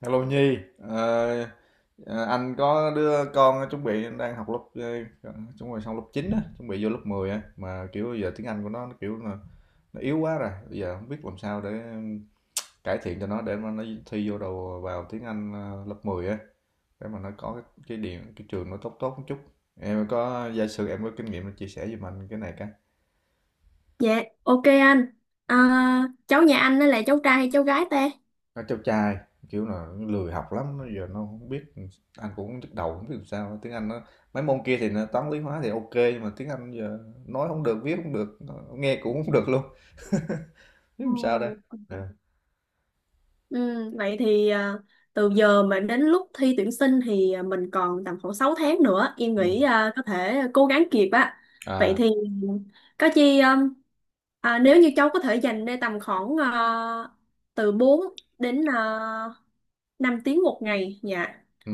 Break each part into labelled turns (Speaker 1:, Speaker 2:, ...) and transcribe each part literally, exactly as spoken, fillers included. Speaker 1: Hello Nhi. Ờ, ờ, anh có đứa con chuẩn bị đang học lớp ờ, chuẩn bị xong lớp chín á, chuẩn bị vô lớp mười, á mà kiểu giờ tiếng Anh của nó, nó kiểu là nó yếu quá rồi, bây giờ không biết làm sao để cải thiện cho nó để mà nó thi vô đầu vào tiếng Anh ờ, lớp mười á, để mà nó có cái, cái điểm cái trường nó tốt tốt một chút. Em có giả sử em có kinh nghiệm chia sẻ giùm anh cái này cái.
Speaker 2: Dạ, ok anh. À, cháu nhà anh đó là cháu trai hay cháu gái ta?
Speaker 1: Nó cháu trai, kiểu là nó lười học lắm, nó giờ nó không biết. Anh cũng hông nhức đầu, không biết làm sao. Tiếng Anh nó mấy môn kia thì nó Toán, Lý, Hóa thì ok nhưng mà tiếng Anh giờ nói không được, viết không được, ờ, nghe cũng không được luôn, biết
Speaker 2: Ừ.
Speaker 1: làm sao đây. Ờ.
Speaker 2: Ừ, vậy thì à, từ giờ mà đến lúc thi tuyển sinh thì à, mình còn tầm khoảng sáu tháng nữa. Em
Speaker 1: Ừm.
Speaker 2: nghĩ à, có thể cố gắng kịp á. Vậy
Speaker 1: À.
Speaker 2: thì có chi um, à, nếu như cháu có thể dành ra tầm khoảng à, từ bốn đến uh, năm tiếng một ngày. Dạ,
Speaker 1: Ừ,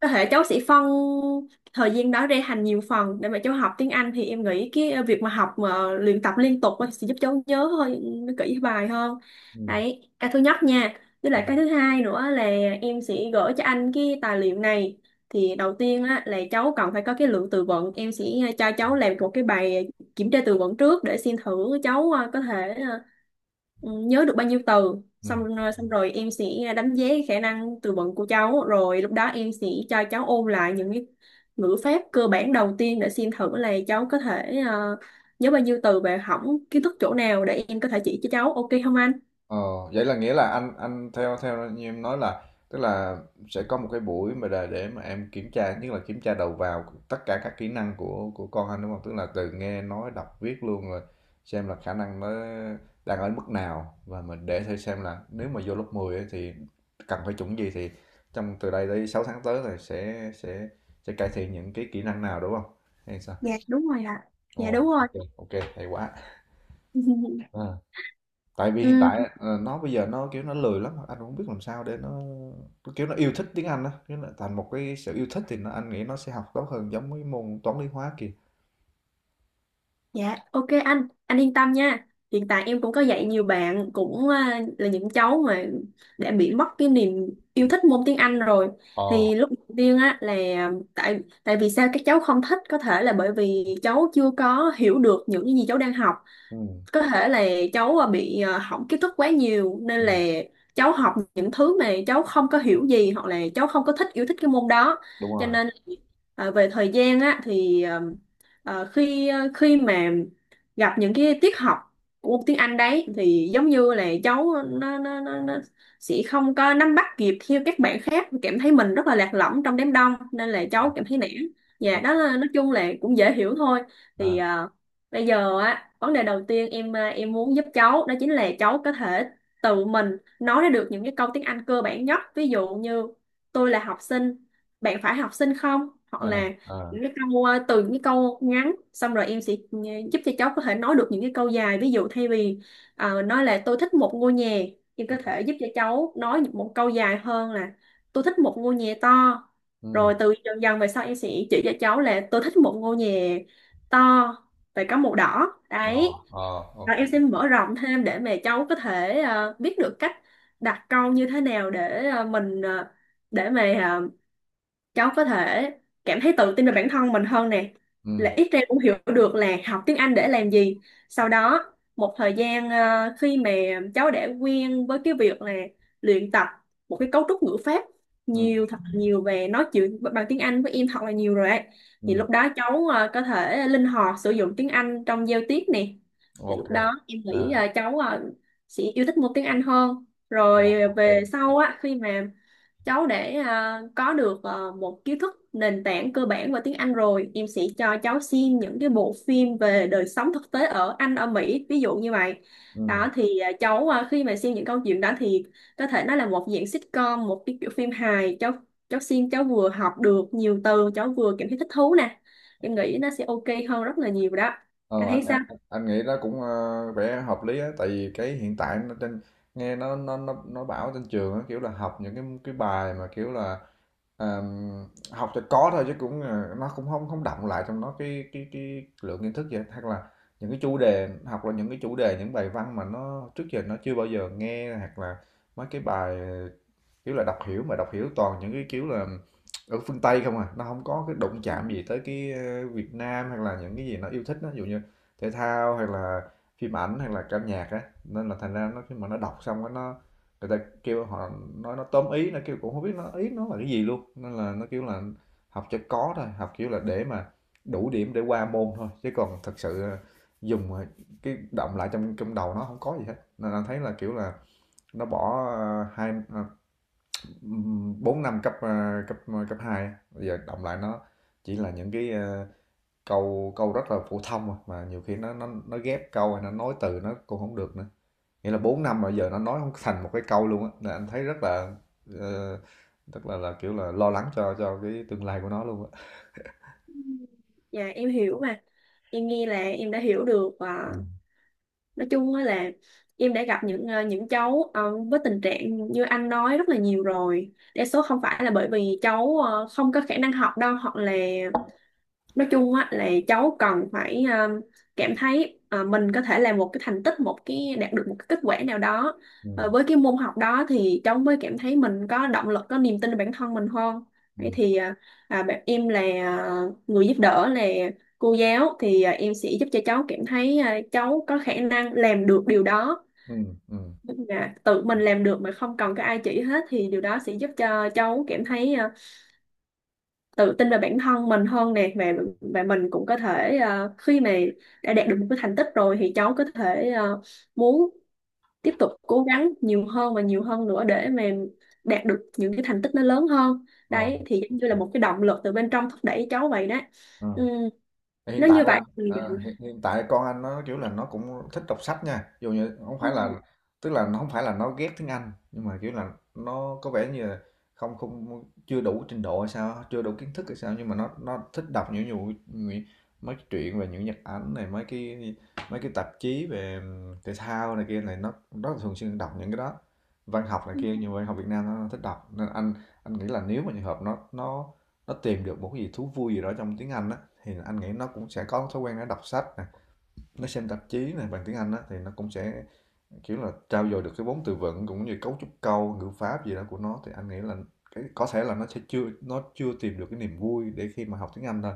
Speaker 2: có thể cháu sẽ phân thời gian đó ra thành nhiều phần để mà cháu học tiếng Anh thì em nghĩ cái ờ, việc mà học mà luyện tập liên tục á sẽ giúp cháu nhớ hơi nó kỹ bài hơn.
Speaker 1: ừ,
Speaker 2: Đấy cái thứ nhất nha, với lại
Speaker 1: ừm,
Speaker 2: cái thứ hai nữa là em sẽ gửi cho anh cái tài liệu này thì đầu tiên á, là cháu cần phải có cái lượng từ vựng. Em sẽ ờ, cho cháu làm một cái bài kiểm tra từ vựng trước để xem thử cháu à, có thể ờ, ừ, nhớ được bao nhiêu từ xong
Speaker 1: ừm.
Speaker 2: xong rồi em sẽ đánh giá khả năng từ vựng của cháu rồi lúc đó em sẽ cho cháu ôn lại những cái ngữ pháp cơ bản đầu tiên để xem thử là cháu có thể ờ, nhớ bao nhiêu từ và hỏng kiến thức chỗ nào để em có thể chỉ cho cháu, ok không anh?
Speaker 1: Ờ, vậy là nghĩa là anh anh theo theo như em nói là, tức là sẽ có một cái buổi mà để để mà em kiểm tra, nhất là kiểm tra đầu vào tất cả các kỹ năng của của con anh đúng không? Tức là từ nghe nói đọc viết luôn rồi, xem là khả năng nó đang ở mức nào, và mình để thử xem là nếu mà vô lớp 10 ấy, thì cần phải chuẩn gì, thì trong từ đây tới sáu tháng tới là sẽ sẽ sẽ cải thiện những cái kỹ năng nào đúng không? Hay sao?
Speaker 2: Dạ đúng rồi ạ, dạ
Speaker 1: Ồ,
Speaker 2: đúng rồi.
Speaker 1: ok, ok, hay quá, tại vì hiện
Speaker 2: Ừ.
Speaker 1: tại ờ, nó bây giờ nó kiểu nó lười lắm, anh cũng không biết làm sao để nó nó kiểu nó yêu thích tiếng Anh á, kiểu nó thành một cái sự yêu thích thì nó, anh nghĩ nó sẽ học tốt hơn giống với môn toán lý hóa kia.
Speaker 2: Dạ, ok anh, anh yên tâm nha. Hiện tại em cũng có dạy nhiều bạn cũng à, là những cháu mà đã bị mất cái niềm yêu thích môn tiếng Anh rồi.
Speaker 1: Ờ.
Speaker 2: Thì lúc đầu tiên á là tại tại vì sao các cháu không thích, có thể là bởi vì cháu chưa có hiểu được những cái gì cháu đang học,
Speaker 1: Ừ,
Speaker 2: có thể là cháu à, bị à, hỏng kiến thức quá nhiều nên
Speaker 1: ừ,
Speaker 2: là cháu học những thứ mà cháu không có hiểu gì hoặc là cháu không có thích yêu thích cái môn đó,
Speaker 1: đúng
Speaker 2: cho
Speaker 1: rồi,
Speaker 2: nên à, về thời gian á thì à, à, khi à, khi mà gặp những cái tiết học của môn tiếng Anh đấy thì giống như là cháu nó, nó, nó, nó sẽ không có nắm bắt kịp theo các bạn khác, cảm thấy mình rất là lạc lõng trong đám đông nên là
Speaker 1: đúng rồi,
Speaker 2: cháu cảm thấy nản. Dạ
Speaker 1: đúng.
Speaker 2: đó là nói chung là cũng dễ hiểu thôi, thì
Speaker 1: À,
Speaker 2: à, bây giờ á, vấn đề đầu tiên em à, em muốn giúp cháu đó chính là cháu có thể tự mình nói ra được những cái câu tiếng Anh cơ bản nhất. Ví dụ như tôi là học sinh, bạn phải học sinh không? Hoặc
Speaker 1: ừ,
Speaker 2: là
Speaker 1: ờ,
Speaker 2: những cái câu à, từ những cái câu ngắn xong rồi em sẽ ừ, giúp cho cháu có thể nói được những cái câu dài. Ví dụ thay vì ờ, nói là tôi thích một ngôi nhà, em có thể giúp cho cháu nói một câu dài hơn là tôi thích một ngôi nhà to.
Speaker 1: ừ,
Speaker 2: Rồi từ dần dần về sau em sẽ chỉ cho cháu là tôi thích một ngôi nhà to về có màu đỏ
Speaker 1: ờ,
Speaker 2: đấy
Speaker 1: ờ,
Speaker 2: và
Speaker 1: ok.
Speaker 2: em sẽ mở rộng thêm để mà cháu có thể ờ, biết được cách đặt câu như thế nào để ờ, mình ờ, để mà ờ, cháu có thể cảm thấy tự tin về bản thân mình hơn nè, là
Speaker 1: Ừ,
Speaker 2: ít ra cũng hiểu được là học tiếng Anh để làm gì. Sau đó một thời gian ờ, khi mà cháu đã quen với cái việc là luyện tập một cái cấu trúc ngữ pháp
Speaker 1: ừ,
Speaker 2: nhiều thật nhiều về nói chuyện bằng tiếng Anh với em thật là nhiều rồi ấy,
Speaker 1: ừ,
Speaker 2: thì
Speaker 1: ừ,
Speaker 2: lúc đó cháu ờ, có thể linh hoạt sử dụng tiếng Anh trong giao tiếp nè. Thì lúc
Speaker 1: ok.
Speaker 2: đó em nghĩ ờ,
Speaker 1: À,
Speaker 2: cháu ờ, sẽ yêu thích môn tiếng Anh hơn.
Speaker 1: ờ,
Speaker 2: Rồi
Speaker 1: ok.
Speaker 2: về sau á, khi mà cháu để à, có được à, một kiến thức nền tảng cơ bản về tiếng Anh rồi, em sẽ cho cháu xem những cái bộ phim về đời sống thực tế ở Anh, ở Mỹ, ví dụ như vậy.
Speaker 1: Ừ.
Speaker 2: Đó thì à, cháu à, khi mà xem những câu chuyện đó thì có thể nó là một dạng sitcom, một cái kiểu phim hài. Cháu cháu xem cháu vừa học được nhiều từ, cháu vừa cảm thấy thích thú nè. Em nghĩ nó sẽ ok hơn rất là nhiều đó.
Speaker 1: Ờ,
Speaker 2: Anh thấy
Speaker 1: anh,
Speaker 2: sao?
Speaker 1: anh anh nghĩ đó cũng ờ, vẻ hợp lý á, tại vì cái hiện tại nó trên nghe nó nó nó nó bảo trên trường á kiểu là học những cái cái bài mà kiểu là, ờm, học cho có thôi chứ cũng ờ, nó cũng không không đọng lại trong nó cái cái cái lượng kiến thức vậy, hoặc là những cái chủ đề học là những cái chủ đề, những bài văn mà nó trước giờ nó chưa bao giờ nghe, hoặc là mấy cái bài kiểu là đọc hiểu, mà đọc hiểu toàn những cái, kiểu là, ở phương Tây không à, nó không có cái đụng chạm gì tới cái, ơ, Việt Nam hay là những cái gì nó yêu thích á, ví dụ như thể thao hay là phim ảnh hay là ca nhạc á. Nên là thành ra nó khi mà nó đọc xong cái nó, người ta kêu họ nói nó tóm ý, nó kêu cũng không biết nó ý nó là cái gì luôn. Nên là nó, kiểu là, học cho có thôi, học, kiểu là, để mà đủ điểm để qua môn thôi, chứ còn thật sự, ờ, dùng, ờ, cái động lại trong trong đầu nó không có gì hết. Nên là thấy là, kiểu là, nó bỏ, ơ, hai ờ, bốn năm cấp ờ, cấp ờ, cấp hai bây giờ động lại nó chỉ là những cái ờ, câu câu rất là phổ thông à, mà nhiều khi nó nó nó ghép câu hay nó nói từ nó cũng không được nữa. Nghĩa là bốn năm mà giờ nó nói không thành một cái câu luôn á, là anh thấy rất là, ờ, rất là là kiểu là lo lắng cho cho cái tương lai của nó luôn á.
Speaker 2: Ừm. Dạ em hiểu mà. Em nghe là em đã hiểu được à, nói chung á là em đã gặp những ờ, những cháu ờ, với tình trạng như anh nói rất là nhiều rồi, đa số không phải là bởi vì cháu ờ, không có khả năng học đâu hoặc là nói chung á là cháu cần phải ờ, cảm thấy ờ, mình có thể làm một cái thành tích, một cái đạt được một cái kết quả nào đó.
Speaker 1: Ừ.
Speaker 2: Ờ, với cái môn học đó thì cháu mới cảm thấy mình có động lực, có niềm tin vào bản thân mình hơn. Vậy
Speaker 1: Ừ.
Speaker 2: thì ờ, à, bạn em là ờ, người giúp đỡ là cô giáo thì ờ, em sẽ giúp cho cháu cảm thấy ờ, cháu có khả năng làm được điều đó.
Speaker 1: Ừ. Ừ.
Speaker 2: Tức là tự mình làm được mà không cần có ai chỉ hết thì điều đó sẽ giúp cho cháu cảm thấy ờ, tự tin về bản thân mình hơn nè và và mình cũng có thể ờ, khi mà đã đạt được một cái thành tích rồi thì cháu có thể ờ, muốn tiếp tục cố gắng nhiều hơn và nhiều hơn nữa để mà đạt được những cái thành tích nó lớn hơn
Speaker 1: Ờ, ok.
Speaker 2: đấy, thì giống như là một cái động lực từ bên trong thúc đẩy cháu vậy đó.
Speaker 1: Ờ.
Speaker 2: Ừ,
Speaker 1: Hiện
Speaker 2: nếu
Speaker 1: tại
Speaker 2: như
Speaker 1: là
Speaker 2: vậy thì
Speaker 1: ờ, hiện, hiện tại con anh nó kiểu là nó cũng thích đọc sách nha, dù như không phải là, tức là nó không phải là nó ghét tiếng Anh, nhưng mà kiểu là nó có vẻ như là không không chưa đủ trình độ hay sao, chưa đủ kiến thức hay sao, nhưng mà nó nó thích đọc những nhiều nhiều- mấy cái truyện về những nhật ảnh này, mấy cái mấy cái tạp chí về thể thao này kia này, nó nó thường xuyên đọc những cái đó, văn học này
Speaker 2: ừ,
Speaker 1: kia, nhiều văn học Việt Nam nó thích đọc, nên anh anh nghĩ là nếu mà trường hợp nó nó nó tìm được một cái gì thú vui gì đó trong tiếng Anh á, thì anh nghĩ nó cũng sẽ có thói quen nó đọc sách nè, nó xem tạp chí này bằng tiếng Anh á thì nó cũng sẽ kiểu là trau dồi được cái vốn từ vựng cũng như cấu trúc câu ngữ pháp gì đó của nó, thì anh nghĩ là cái có thể là nó sẽ chưa nó chưa tìm được cái niềm vui để khi mà học tiếng Anh thôi,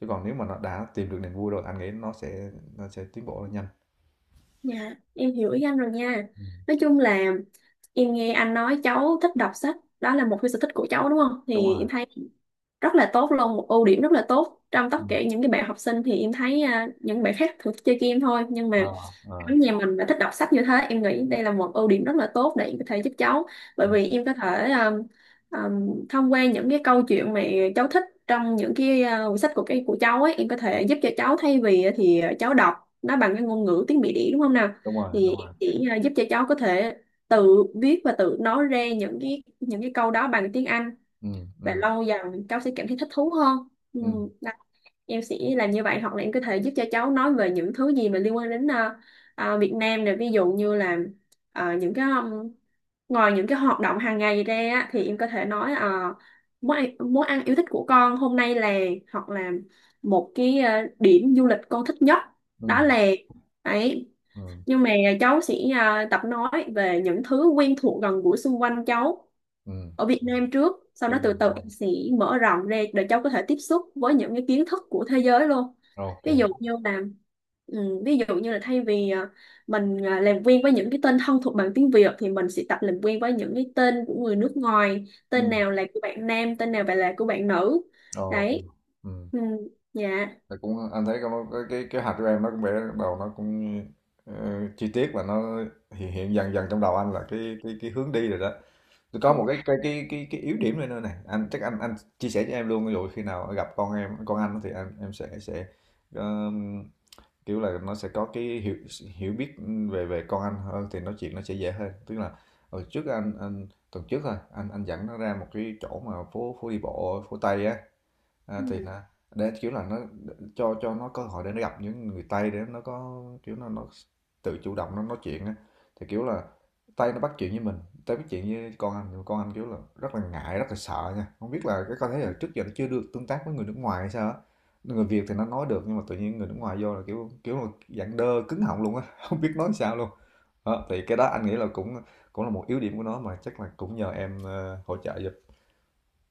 Speaker 1: chứ còn nếu mà nó đã tìm được niềm vui rồi anh nghĩ nó sẽ nó sẽ tiến bộ rất nhanh.
Speaker 2: dạ em hiểu ý anh rồi nha.
Speaker 1: Ừ,
Speaker 2: Nói chung là em nghe anh nói cháu thích đọc sách, đó là một cái sở thích của cháu đúng không
Speaker 1: đúng
Speaker 2: thì
Speaker 1: rồi.
Speaker 2: em thấy rất là tốt luôn, một ưu điểm rất là tốt. Trong tất
Speaker 1: Ừ.
Speaker 2: cả những cái bạn học sinh thì em thấy à, những bạn khác thường chơi game thôi, nhưng mà
Speaker 1: Ờ, ờ,
Speaker 2: ở nhà mình đã thích đọc sách như thế, em nghĩ đây là một ưu điểm rất là tốt để em có thể giúp cháu. Bởi
Speaker 1: ừ.
Speaker 2: vì em có thể um, um, thông qua những cái câu chuyện mà cháu thích trong những cái à, quyển sách của cái của cháu ấy, em có thể giúp cho cháu thay vì thì cháu đọc nó bằng cái ngôn ngữ tiếng Mỹ đĩ đúng không nào,
Speaker 1: Đúng rồi,
Speaker 2: thì
Speaker 1: đúng rồi,
Speaker 2: chỉ à, giúp cho cháu có thể tự viết và tự nói ra những cái những cái câu đó bằng tiếng Anh
Speaker 1: ừ,
Speaker 2: và
Speaker 1: ừ,
Speaker 2: lâu dần cháu sẽ cảm thấy thích thú hơn. Ừ.
Speaker 1: ừ,
Speaker 2: Đó. Em sẽ làm như vậy hoặc là em có thể giúp cho cháu nói về những thứ gì mà liên quan đến ờ, ờ, Việt Nam này, ví dụ như là ờ, những cái um, ngoài những cái hoạt động hàng ngày ra á, thì em có thể nói ờ, món ăn, món ăn yêu thích của con hôm nay là, hoặc là một cái ờ, điểm du lịch con thích nhất đó
Speaker 1: ừ,
Speaker 2: là ấy,
Speaker 1: ừ,
Speaker 2: nhưng mà cháu sẽ ờ, tập nói về những thứ quen thuộc gần gũi xung quanh cháu
Speaker 1: ừ.
Speaker 2: ở Việt Nam trước, sau đó
Speaker 1: Đúng rồi,
Speaker 2: từ
Speaker 1: đúng
Speaker 2: từ
Speaker 1: rồi,
Speaker 2: em sẽ mở rộng ra để cháu có thể tiếp xúc với những cái kiến thức của thế giới luôn.
Speaker 1: ok.
Speaker 2: Ví dụ như là ừ, ví dụ như là thay vì à, mình à, làm quen với những cái tên thân thuộc bằng tiếng Việt thì mình sẽ tập làm quen với những cái tên của người nước ngoài, tên
Speaker 1: Ừ,
Speaker 2: nào là của bạn nam, tên nào là của bạn nữ
Speaker 1: ok.
Speaker 2: đấy.
Speaker 1: Ừ.
Speaker 2: Ừ, dạ
Speaker 1: Thì cũng anh thấy cái nó- cái cái, cái hạt của em nó cũng vẽ đầu nó cũng ờ, chi tiết, và nó hiện hiện dần dần trong đầu anh là cái cái cái hướng đi rồi đó. Tôi có một
Speaker 2: dạ.
Speaker 1: cái cái cái cái, cái yếu điểm này nữa này, anh chắc anh anh chia sẻ cho em luôn, ví dụ khi nào gặp con em con anh thì em em sẽ sẽ um, kiểu là nó sẽ có cái hiểu hiểu biết về về con anh hơn thì nói chuyện nó sẽ dễ hơn. Tức là hồi trước anh anh tuần trước thôi anh anh dẫn nó ra một cái chỗ mà phố phố đi bộ phố Tây á. À, thì nó, để kiểu là nó, cho cho nó cơ hội để nó gặp những người Tây, để nó có kiểu nó nó tự chủ động nó nói chuyện á. Thì kiểu là Tây nó bắt chuyện với mình, Tây bắt chuyện với con anh, nhưng con anh kiểu là rất là ngại rất là sợ nha, không biết là cái con thấy là trước giờ nó chưa được tương tác với người nước ngoài hay sao á. Người Việt thì nó nói được, nhưng mà tự nhiên người nước ngoài vô là kiểu kiểu là dạng đơ cứng họng luôn á không biết nói sao luôn. Đó, thì cái đó anh nghĩ là cũng cũng là một yếu điểm của nó, mà chắc là cũng nhờ em ờ, hỗ trợ giúp.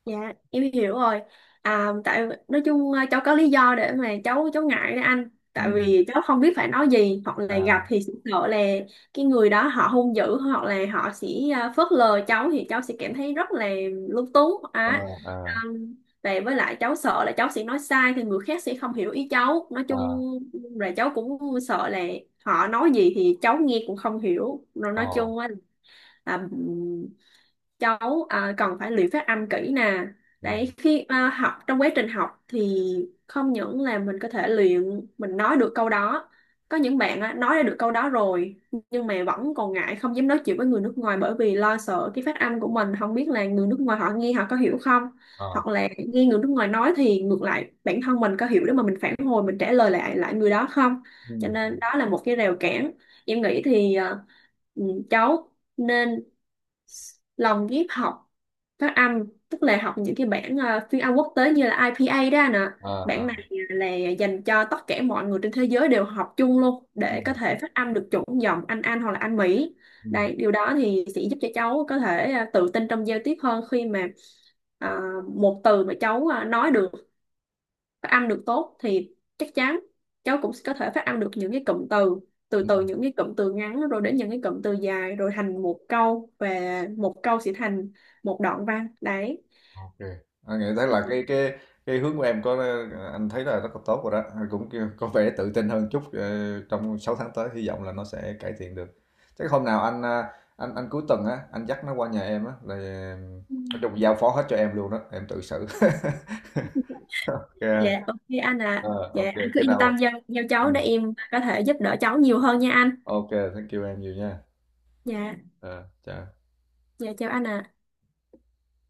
Speaker 2: Dạ, em hiểu rồi. À, tại nói chung à, cháu có lý do để mà cháu cháu ngại đấy anh. Tại
Speaker 1: Ừ.
Speaker 2: vì cháu không biết phải nói gì, hoặc là gặp
Speaker 1: À,
Speaker 2: thì sẽ sợ là cái người đó họ hung dữ, hoặc là họ sẽ à, phớt lờ cháu thì cháu sẽ cảm thấy rất là lúng túng
Speaker 1: à,
Speaker 2: á.
Speaker 1: à,
Speaker 2: À, và với lại cháu sợ là cháu sẽ nói sai thì người khác sẽ không hiểu ý cháu. Nói chung
Speaker 1: à.
Speaker 2: là cháu cũng sợ là họ nói gì thì cháu nghe cũng không hiểu. Rồi
Speaker 1: Ờ,
Speaker 2: nói chung á, là à, cháu à, cần phải luyện phát âm kỹ nè
Speaker 1: ừ,
Speaker 2: đấy, khi à, học trong quá trình học thì không những là mình có thể luyện mình nói được câu đó, có những bạn á, nói ra được câu đó rồi nhưng mà vẫn còn ngại không dám nói chuyện với người nước ngoài bởi vì lo sợ cái phát âm của mình không biết là người nước ngoài họ nghe họ có hiểu không,
Speaker 1: ờ,
Speaker 2: hoặc là nghe người nước ngoài nói thì ngược lại bản thân mình có hiểu để mà mình phản hồi mình trả lời lại lại người đó không.
Speaker 1: ừ.
Speaker 2: Cho nên đó là một cái rào cản, em nghĩ thì à, ừ, cháu nên lòng ghép học phát âm, tức là học những cái bản ờ, phiên âm quốc tế như là i pê a đó anh ạ.
Speaker 1: Ờ, ờ,
Speaker 2: Bản này là dành cho tất cả mọi người trên thế giới đều học chung luôn
Speaker 1: ừ,
Speaker 2: để có thể phát âm được chuẩn giọng Anh Anh hoặc là Anh Mỹ.
Speaker 1: ừ,
Speaker 2: Đây điều đó thì sẽ giúp cho cháu có thể ờ, tự tin trong giao tiếp hơn khi mà ờ, một từ mà cháu ờ, nói được phát âm được tốt thì chắc chắn cháu cũng có thể phát âm được những cái cụm từ, từ
Speaker 1: ừ,
Speaker 2: từ những cái cụm từ ngắn rồi đến những cái cụm từ dài rồi thành một câu và một câu sẽ thành một đoạn văn đấy.
Speaker 1: ok. À, nghĩ thấy là cái cái cái hướng của em có, anh thấy là rất là tốt rồi đó. Anh cũng kêu- có vẻ tự tin hơn chút, ờ, trong sáu tháng tới hy vọng là nó sẽ cải thiện được. Chắc hôm nào anh, à, anh anh cuối tuần á, anh dắt nó qua nhà em á, là nói chung giao phó hết cho em luôn đó, em tự xử.
Speaker 2: Ừ. Dạ
Speaker 1: Ok.
Speaker 2: ok anh, à
Speaker 1: Ờ,
Speaker 2: dạ
Speaker 1: ok,
Speaker 2: anh cứ
Speaker 1: cái
Speaker 2: yên tâm
Speaker 1: nào.
Speaker 2: giao giao
Speaker 1: ờ,
Speaker 2: cháu để em có thể giúp đỡ cháu nhiều hơn nha anh.
Speaker 1: Ok, thank you em nhiều nha.
Speaker 2: Dạ.
Speaker 1: Ờ, chào.
Speaker 2: Dạ chào anh ạ.